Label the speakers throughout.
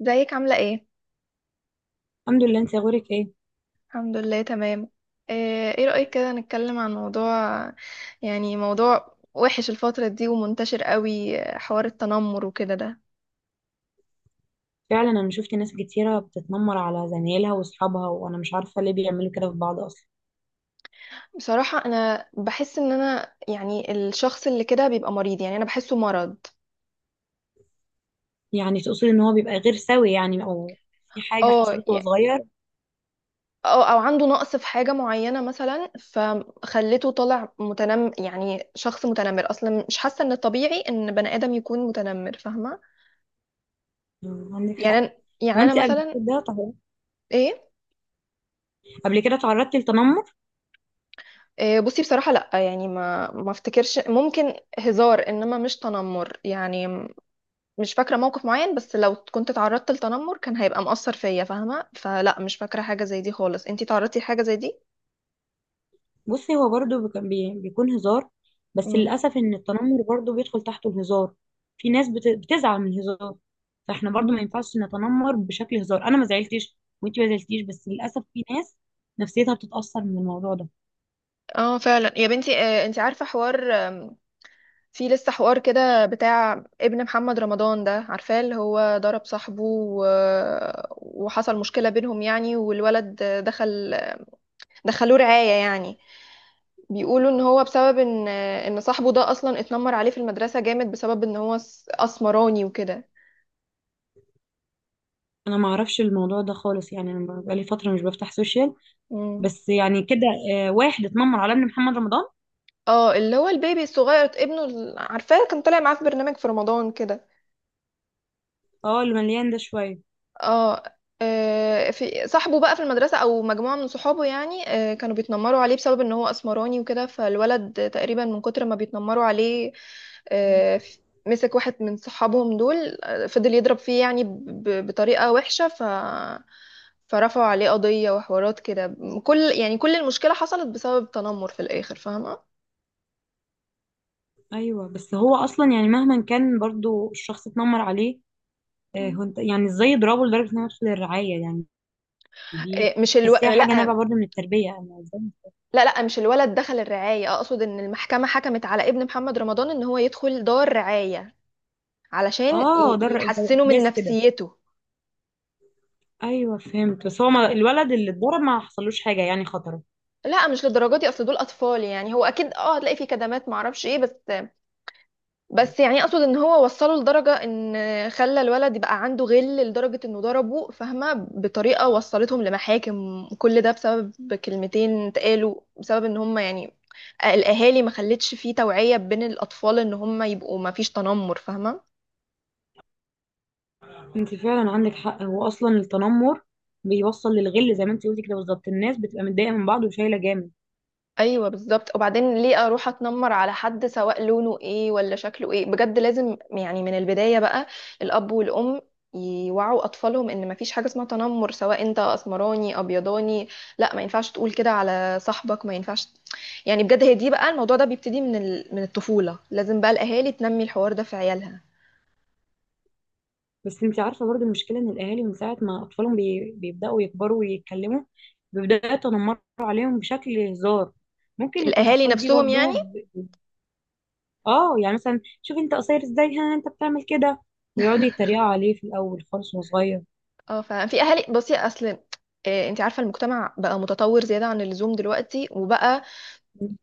Speaker 1: ازيك عاملة ايه؟
Speaker 2: الحمد لله، انت اخبارك ايه؟
Speaker 1: الحمد لله تمام. إيه رأيك كده نتكلم عن موضوع، يعني موضوع وحش الفترة دي ومنتشر قوي، حوار التنمر وكده ده.
Speaker 2: فعلا انا شفت ناس كتيره بتتنمر على زمايلها واصحابها، وانا مش عارفه ليه بيعملوا كده في بعض اصلا.
Speaker 1: بصراحة انا بحس ان انا، يعني الشخص اللي كده بيبقى مريض، يعني انا بحسه مرض.
Speaker 2: يعني تقصد ان هو بيبقى غير سوي يعني او في حاجه
Speaker 1: اه
Speaker 2: حصلت وهو
Speaker 1: يعني-
Speaker 2: صغير؟
Speaker 1: او عنده نقص في حاجة معينة مثلا فخلته طالع متنم، يعني شخص متنمر اصلا. مش حاسة ان الطبيعي ان بني آدم يكون متنمر، فاهمة؟
Speaker 2: مم، عندك حق.
Speaker 1: يعني أنا- يعني انا
Speaker 2: وانت قبل
Speaker 1: مثلا
Speaker 2: كده
Speaker 1: ايه.
Speaker 2: قبل كده تعرضتي للتنمر؟
Speaker 1: بصي بصراحة لأ، يعني ما افتكرش، ممكن هزار إنما مش تنمر، مش فاكرة موقف معين. بس لو كنت تعرضت لتنمر كان هيبقى مؤثر فيا فاهمة، فلأ مش فاكرة حاجة زي دي خالص. انتي تعرضتي لحاجة زي دي؟
Speaker 2: بصي، هو برضو بيكون هزار. بس
Speaker 1: مم.
Speaker 2: للاسف ان التنمر برضو بيدخل تحته الهزار. في ناس بتزعل من الهزار. فاحنا برضو
Speaker 1: مم.
Speaker 2: ما ينفعش نتنمر بشكل هزار، انا ما زعلتش وانت ما زعلتيش، بس للاسف في ناس نفسيتها بتتاثر من الموضوع ده.
Speaker 1: اه فعلا يا بنتي، انتي عارفة حوار في لسه حوار كده بتاع ابن محمد رمضان، ده عارفاه اللي هو ضرب صاحبه وحصل مشكلة بينهم يعني، والولد دخل، دخلوه رعاية يعني. بيقولوا ان هو بسبب ان صاحبه ده اصلا اتنمر عليه في المدرسة جامد، بسبب ان هو اسمراني وكده.
Speaker 2: انا ما اعرفش الموضوع ده خالص، يعني انا بقالي فتره مش بفتح سوشيال.
Speaker 1: مم.
Speaker 2: بس يعني كده، واحد اتنمر على ابن محمد رمضان.
Speaker 1: اه اللي هو البيبي الصغير، ابنه عارفاه كان طالع معاه في برنامج في رمضان كده.
Speaker 2: اه، اللي مليان ده شويه.
Speaker 1: اه، في صاحبه بقى في المدرسة أو مجموعة من صحابه يعني، كانوا بيتنمروا عليه بسبب إن هو أسمراني وكده، فالولد تقريبا من كتر ما بيتنمروا عليه، آه، ف- مسك واحد من صحابهم دول، فضل يضرب فيه يعني بطريقة وحشة. فرفعوا عليه قضية وحوارات كده. كل، يعني كل المشكلة حصلت بسبب تنمر في الآخر، فاهمة؟
Speaker 2: ايوه بس هو اصلا يعني مهما كان برضو الشخص اتنمر عليه،
Speaker 1: مم.
Speaker 2: هو انت يعني ازاي يضربه لدرجه انه يدخل الرعايه يعني؟
Speaker 1: إيه، مش الو...
Speaker 2: تحسيها حاجه
Speaker 1: لا،
Speaker 2: نابعه برضو من التربيه يعني ازاي.
Speaker 1: لا لا، مش الولد دخل الرعاية، أقصد إن المحكمة حكمت على ابن محمد رمضان إن هو يدخل دار رعاية علشان
Speaker 2: اه ده ده
Speaker 1: يحسنوا من
Speaker 2: احداث كده.
Speaker 1: نفسيته.
Speaker 2: ايوه فهمت، بس هو ما الولد اللي اتضرب ما حصلوش حاجه يعني خطره؟
Speaker 1: لا مش للدرجه دي، اصل دول اطفال يعني، هو اكيد اه هتلاقي فيه كدمات معرفش ايه، بس بس يعني اقصد ان هو وصله لدرجه ان خلى الولد يبقى عنده غل لدرجه انه ضربه، فاهمه، بطريقه وصلتهم لمحاكم، كل ده بسبب كلمتين اتقالوا، بسبب ان هم يعني الاهالي ما خلتش فيه توعيه بين الاطفال ان هم يبقوا ما فيش تنمر، فاهمه.
Speaker 2: انت فعلا عندك حق، هو اصلا التنمر بيوصل للغل زي ما انت قلتي كده بالظبط، الناس بتبقى متضايقه من بعض وشايله جامد.
Speaker 1: ايوه بالظبط، وبعدين ليه اروح اتنمر على حد سواء لونه ايه ولا شكله ايه؟ بجد لازم يعني من البدايه بقى الاب والام يوعوا اطفالهم ان مفيش حاجه اسمها تنمر، سواء انت اسمراني ابيضاني، لا ما ينفعش تقول كده على صاحبك، ما ينفعش. يعني بجد هي دي بقى، الموضوع ده بيبتدي من من الطفوله، لازم بقى الاهالي تنمي الحوار ده في عيالها.
Speaker 2: بس انت عارفه برضو المشكله ان الاهالي من ساعه ما اطفالهم بيبداوا يكبروا ويتكلموا، بيبداوا يتنمروا عليهم بشكل هزار. ممكن يكون
Speaker 1: الاهالي
Speaker 2: الاطفال دي
Speaker 1: نفسهم
Speaker 2: برضو
Speaker 1: يعني.
Speaker 2: اه يعني مثلا شوف انت قصير ازاي، ها انت بتعمل كده. ويقعدوا يتريقوا عليه في الاول خالص وهو صغير.
Speaker 1: اه ففي اهالي، بصي اصل انت عارفه المجتمع بقى متطور زياده عن اللزوم دلوقتي، وبقى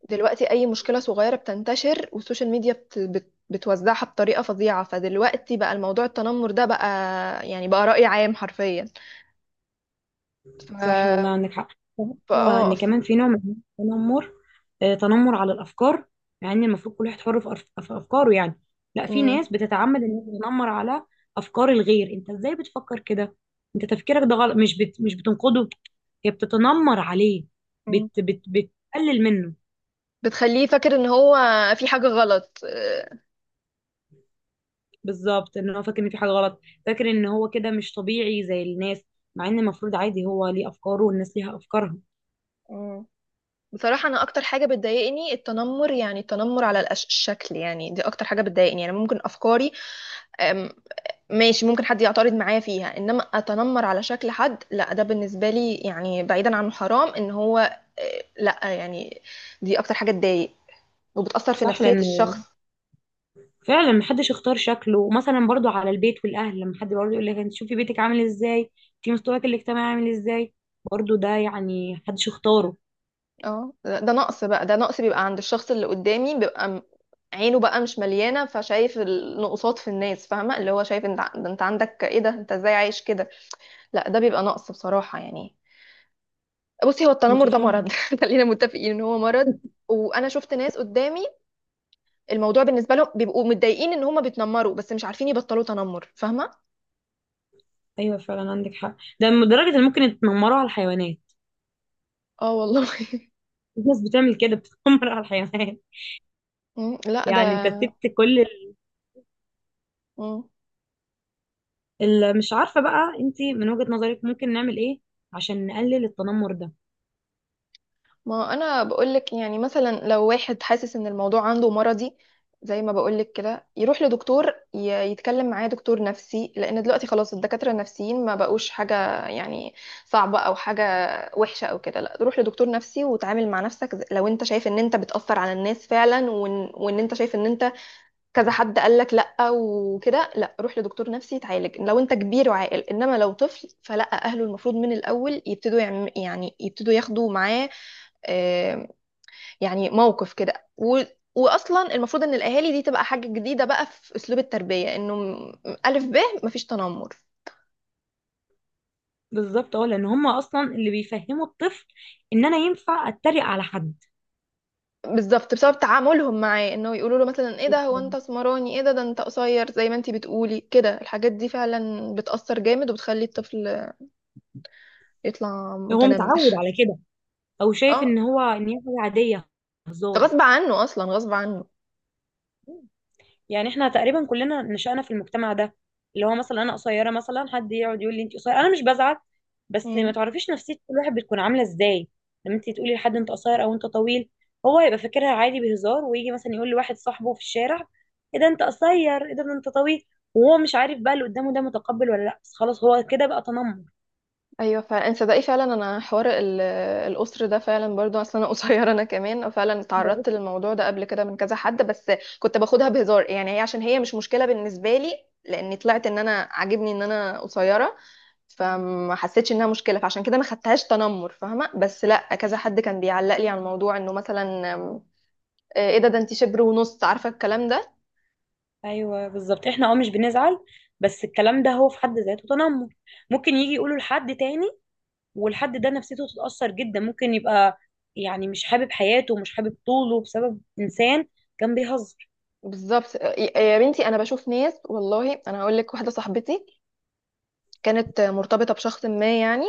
Speaker 1: دلوقتي اي مشكله صغيره بتنتشر، والسوشيال ميديا بتوزعها بطريقه فظيعه، فدلوقتي بقى الموضوع التنمر ده بقى يعني بقى رأي عام حرفيا. ف
Speaker 2: صح والله عندك حق.
Speaker 1: ف-
Speaker 2: هو
Speaker 1: اه
Speaker 2: ان
Speaker 1: ف...
Speaker 2: كمان في نوع من التنمر، تنمر على الافكار. مع ان المفروض كل واحد حر في افكاره يعني. لا، في
Speaker 1: مم.
Speaker 2: ناس بتتعمد ان هي تتنمر على افكار الغير. انت ازاي بتفكر كده؟ انت تفكيرك ده غلط، مش بتنقده، هي بتتنمر عليه،
Speaker 1: مم.
Speaker 2: بتقلل منه.
Speaker 1: بتخليه فاكر ان هو في حاجه غلط،
Speaker 2: بالظبط ان هو فاكر ان في حاجه غلط، فاكر ان هو كده مش طبيعي زي الناس. مع ان المفروض عادي، هو ليه افكاره والناس ليها افكارها.
Speaker 1: مم. بصراحة أنا أكتر حاجة بتضايقني التنمر، يعني التنمر على الشكل، يعني دي أكتر حاجة بتضايقني. يعني ممكن أفكاري ماشي، ممكن حد يعترض معايا فيها، انما اتنمر على شكل حد لا، ده بالنسبه لي يعني، بعيدا عن حرام ان هو، لا يعني دي اكتر حاجه تضايق وبتاثر في
Speaker 2: صح،
Speaker 1: نفسيه
Speaker 2: لان
Speaker 1: الشخص.
Speaker 2: فعلا محدش اختار شكله. مثلا برضو على البيت والاهل، لما حد برضو يقول لك انت شوفي بيتك عامل ازاي، شوفي مستواك الاجتماعي عامل ازاي، برضو ده يعني محدش اختاره.
Speaker 1: اه ده نقص بقى، ده نقص بيبقى عند الشخص اللي قدامي، عينه بقى مش مليانه، فشايف النقصات في الناس، فاهمه، اللي هو شايف انت ده، انت عندك ايه؟ ده انت ازاي عايش كده؟ لا ده بيبقى نقص بصراحه يعني. بصي هو
Speaker 2: انت
Speaker 1: التنمر ده مرض،
Speaker 2: فاهم.
Speaker 1: خلينا متفقين ان هو مرض. وانا شفت ناس قدامي الموضوع بالنسبه لهم بيبقوا متضايقين ان هم بيتنمروا، بس مش عارفين يبطلوا تنمر، فاهمه.
Speaker 2: ايوه فعلا عندك حق، ده لدرجه ان ممكن يتنمروا على الحيوانات.
Speaker 1: اه والله.
Speaker 2: في ناس بتعمل كده بتتنمر على الحيوانات.
Speaker 1: مم، لا ده
Speaker 2: يعني انت سبت كل
Speaker 1: مم.
Speaker 2: مش عارفه بقى. انت من وجهه نظرك ممكن نعمل ايه عشان نقلل التنمر ده؟
Speaker 1: ما انا بقولك، يعني مثلا لو واحد حاسس ان الموضوع عنده مرضي زي ما بقولك كده، يروح لدكتور، يتكلم معاه دكتور نفسي، لان دلوقتي خلاص الدكاتره النفسيين ما بقوش حاجه يعني صعبه او حاجه وحشه او كده. لا روح لدكتور نفسي وتعامل مع نفسك، لو انت شايف ان انت بتأثر على الناس فعلا، وإن انت شايف ان انت كذا حد قال لك لا وكده، لا روح لدكتور نفسي يتعالج لو انت كبير وعاقل، انما لو طفل فلا، اهله المفروض من الاول يبتدوا يعم، يعني يبتدوا ياخدوا معاه آه، يعني موقف كده، و واصلا المفروض ان الاهالي دي تبقى حاجه جديده بقى في اسلوب التربيه الف ب، مفيش تنمر.
Speaker 2: بالظبط، اه لان هم اصلا اللي بيفهموا الطفل ان انا ينفع اتريق على حد.
Speaker 1: بالظبط بسبب تعاملهم معاه، انه يقولوا له مثلا ايه ده، هو انت اسمراني، ايه ده، ده انت قصير، زي ما انت بتقولي كده، الحاجات دي فعلا بتأثر جامد وبتخلي الطفل يطلع
Speaker 2: هو
Speaker 1: متنمر.
Speaker 2: متعود على كده، او شايف
Speaker 1: اه
Speaker 2: ان هو ان هي حاجه عاديه، هزار.
Speaker 1: غصب عنه، اصلا غصب عنه.
Speaker 2: يعني احنا تقريبا كلنا نشأنا في المجتمع ده، اللي هو مثلا انا قصيره، مثلا حد يقعد يقول لي انت قصيره، انا مش بزعل، بس ما
Speaker 1: مم.
Speaker 2: تعرفيش نفسيه كل واحد بتكون عامله ازاي. لما انت تقولي لحد انت قصير او انت طويل، هو يبقى فاكرها عادي بهزار، ويجي مثلا يقول لواحد صاحبه في الشارع ايه ده انت قصير ايه ده انت طويل، وهو مش عارف بقى اللي قدامه ده متقبل ولا لا، بس خلاص هو كده بقى تنمر.
Speaker 1: ايوه فعلا انت صدقي، فعلا انا حوار الاسر ده فعلا برضو، اصلا انا قصيره، انا كمان فعلا اتعرضت للموضوع ده قبل كده من كذا حد، بس كنت باخدها بهزار يعني، هي عشان هي مش مشكله بالنسبه لي، لاني طلعت ان انا عاجبني ان انا قصيره، فما حسيتش انها مشكله، فعشان كده ما خدتهاش تنمر، فاهمه. بس لا كذا حد كان بيعلق لي على الموضوع، انه مثلا ايه ده، ده انت شبر ونص، عارفه الكلام ده.
Speaker 2: ايوه بالظبط، احنا مش بنزعل، بس الكلام ده هو في حد ذاته تنمر، ممكن يجي يقوله لحد تاني، والحد ده نفسيته تتأثر جدا، ممكن يبقى يعني مش حابب حياته ومش حابب طوله بسبب انسان كان بيهزر.
Speaker 1: بالظبط، يا بنتي انا بشوف ناس، والله انا هقول لك واحده صاحبتي كانت مرتبطة بشخص ما يعني،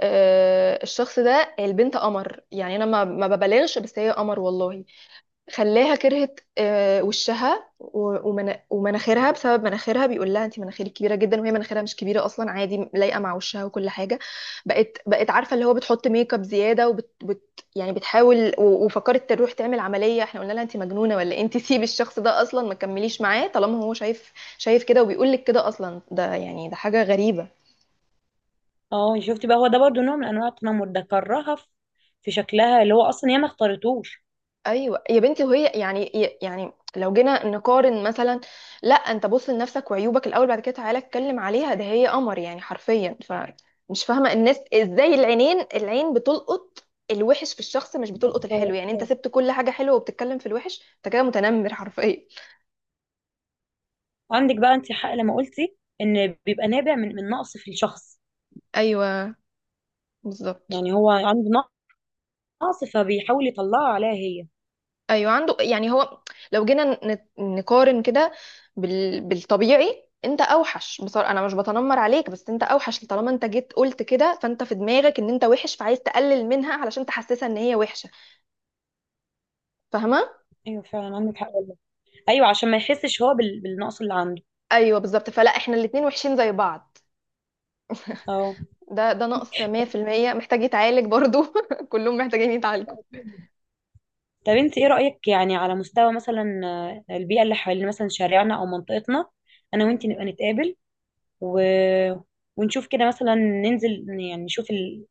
Speaker 1: الشخص ده البنت قمر يعني، انا ما ببالغش، بس هي قمر والله، خلاها كرهت وشها ومناخيرها، بسبب مناخيرها بيقول لها انت مناخيرك كبيرة جدا، وهي مناخيرها مش كبيرة اصلا، عادي لايقة مع وشها وكل حاجة. بقت عارفة اللي هو بتحط ميك اب زيادة، وبت يعني بتحاول، وفكرت تروح تعمل عملية، احنا قلنا لها انت مجنونة ولا إيه؟ انت سيبي الشخص ده اصلا، ما تكمليش معاه طالما هو شايف، شايف كده وبيقول لك كده، اصلا ده يعني ده حاجة غريبة.
Speaker 2: اه شفتي بقى، هو ده برضه نوع من انواع التنمر، ده كرهها في شكلها اللي هو اصلا هي ما اختارتوش.
Speaker 1: ايوه يا بنتي، وهي يعني، يعني لو جينا نقارن مثلا، لا انت بص لنفسك وعيوبك الاول، بعد كده تعالى اتكلم عليها، ده هي قمر يعني حرفيا. فمش فاهمه الناس ازاي، العينين العين بتلقط الوحش في الشخص مش بتلقط الحلو، يعني انت
Speaker 2: آه.
Speaker 1: سبت كل حاجه حلوه وبتتكلم في الوحش، انت كده متنمر حرفيا.
Speaker 2: عندك بقى انت حق لما قلتي ان بيبقى نابع من نقص في الشخص.
Speaker 1: ايوه بالظبط.
Speaker 2: يعني هو عنده نقص، فبيحاول يطلعه عليها هي.
Speaker 1: ايوه عنده يعني، هو لو جينا نقارن كده بالطبيعي انت اوحش، بصراحه انا مش بتنمر عليك، بس انت اوحش، طالما انت جيت قلت كده، فانت في دماغك ان انت وحش، فعايز تقلل منها علشان تحسسها ان هي وحشه، فاهمه.
Speaker 2: ايوه فعلا عندك حق والله. ايوه عشان ما يحسش هو بالنقص اللي عنده،
Speaker 1: ايوه بالظبط، فلا احنا الاتنين وحشين زي بعض.
Speaker 2: اه.
Speaker 1: ده نقص 100%، محتاج يتعالج برضو. كلهم محتاجين يتعالجوا.
Speaker 2: طب انت ايه رأيك يعني على مستوى مثلا، البيئة اللي حوالين مثلا شارعنا او منطقتنا. انا وانت
Speaker 1: مم.
Speaker 2: نبقى نتقابل و... ونشوف كده مثلا، ننزل يعني نشوف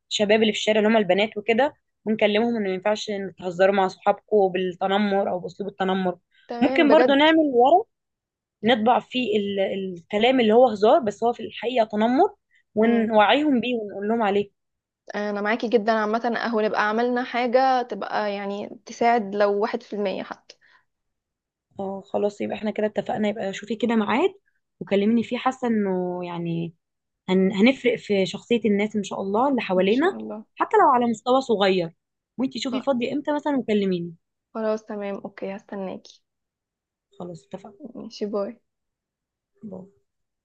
Speaker 2: الشباب اللي في الشارع اللي هم البنات وكده، ونكلمهم ان ما ينفعش إن تهزروا مع صحابكم بالتنمر او باسلوب التنمر.
Speaker 1: تمام
Speaker 2: ممكن برضو
Speaker 1: بجد.
Speaker 2: نعمل ورق نطبع فيه الكلام اللي هو هزار بس هو في الحقيقة تنمر،
Speaker 1: مم.
Speaker 2: ونوعيهم بيه ونقول لهم عليه.
Speaker 1: انا معاكي جدا، عامه اهو نبقى عملنا حاجه تبقى يعني تساعد لو 1% حتى.
Speaker 2: اه خلاص يبقى احنا كده اتفقنا، يبقى شوفي كده ميعاد وكلميني فيه، حاسه انه يعني هنفرق في شخصيه الناس ان شاء الله اللي
Speaker 1: ان شاء
Speaker 2: حوالينا.
Speaker 1: الله.
Speaker 2: حتى لو على مستوى صغير. وانتي شوفي فاضيه امتى مثلا وكلميني.
Speaker 1: خلاص تمام، اوكي هستناكي.
Speaker 2: خلاص اتفقنا.
Speaker 1: ماشي، باي.
Speaker 2: باي.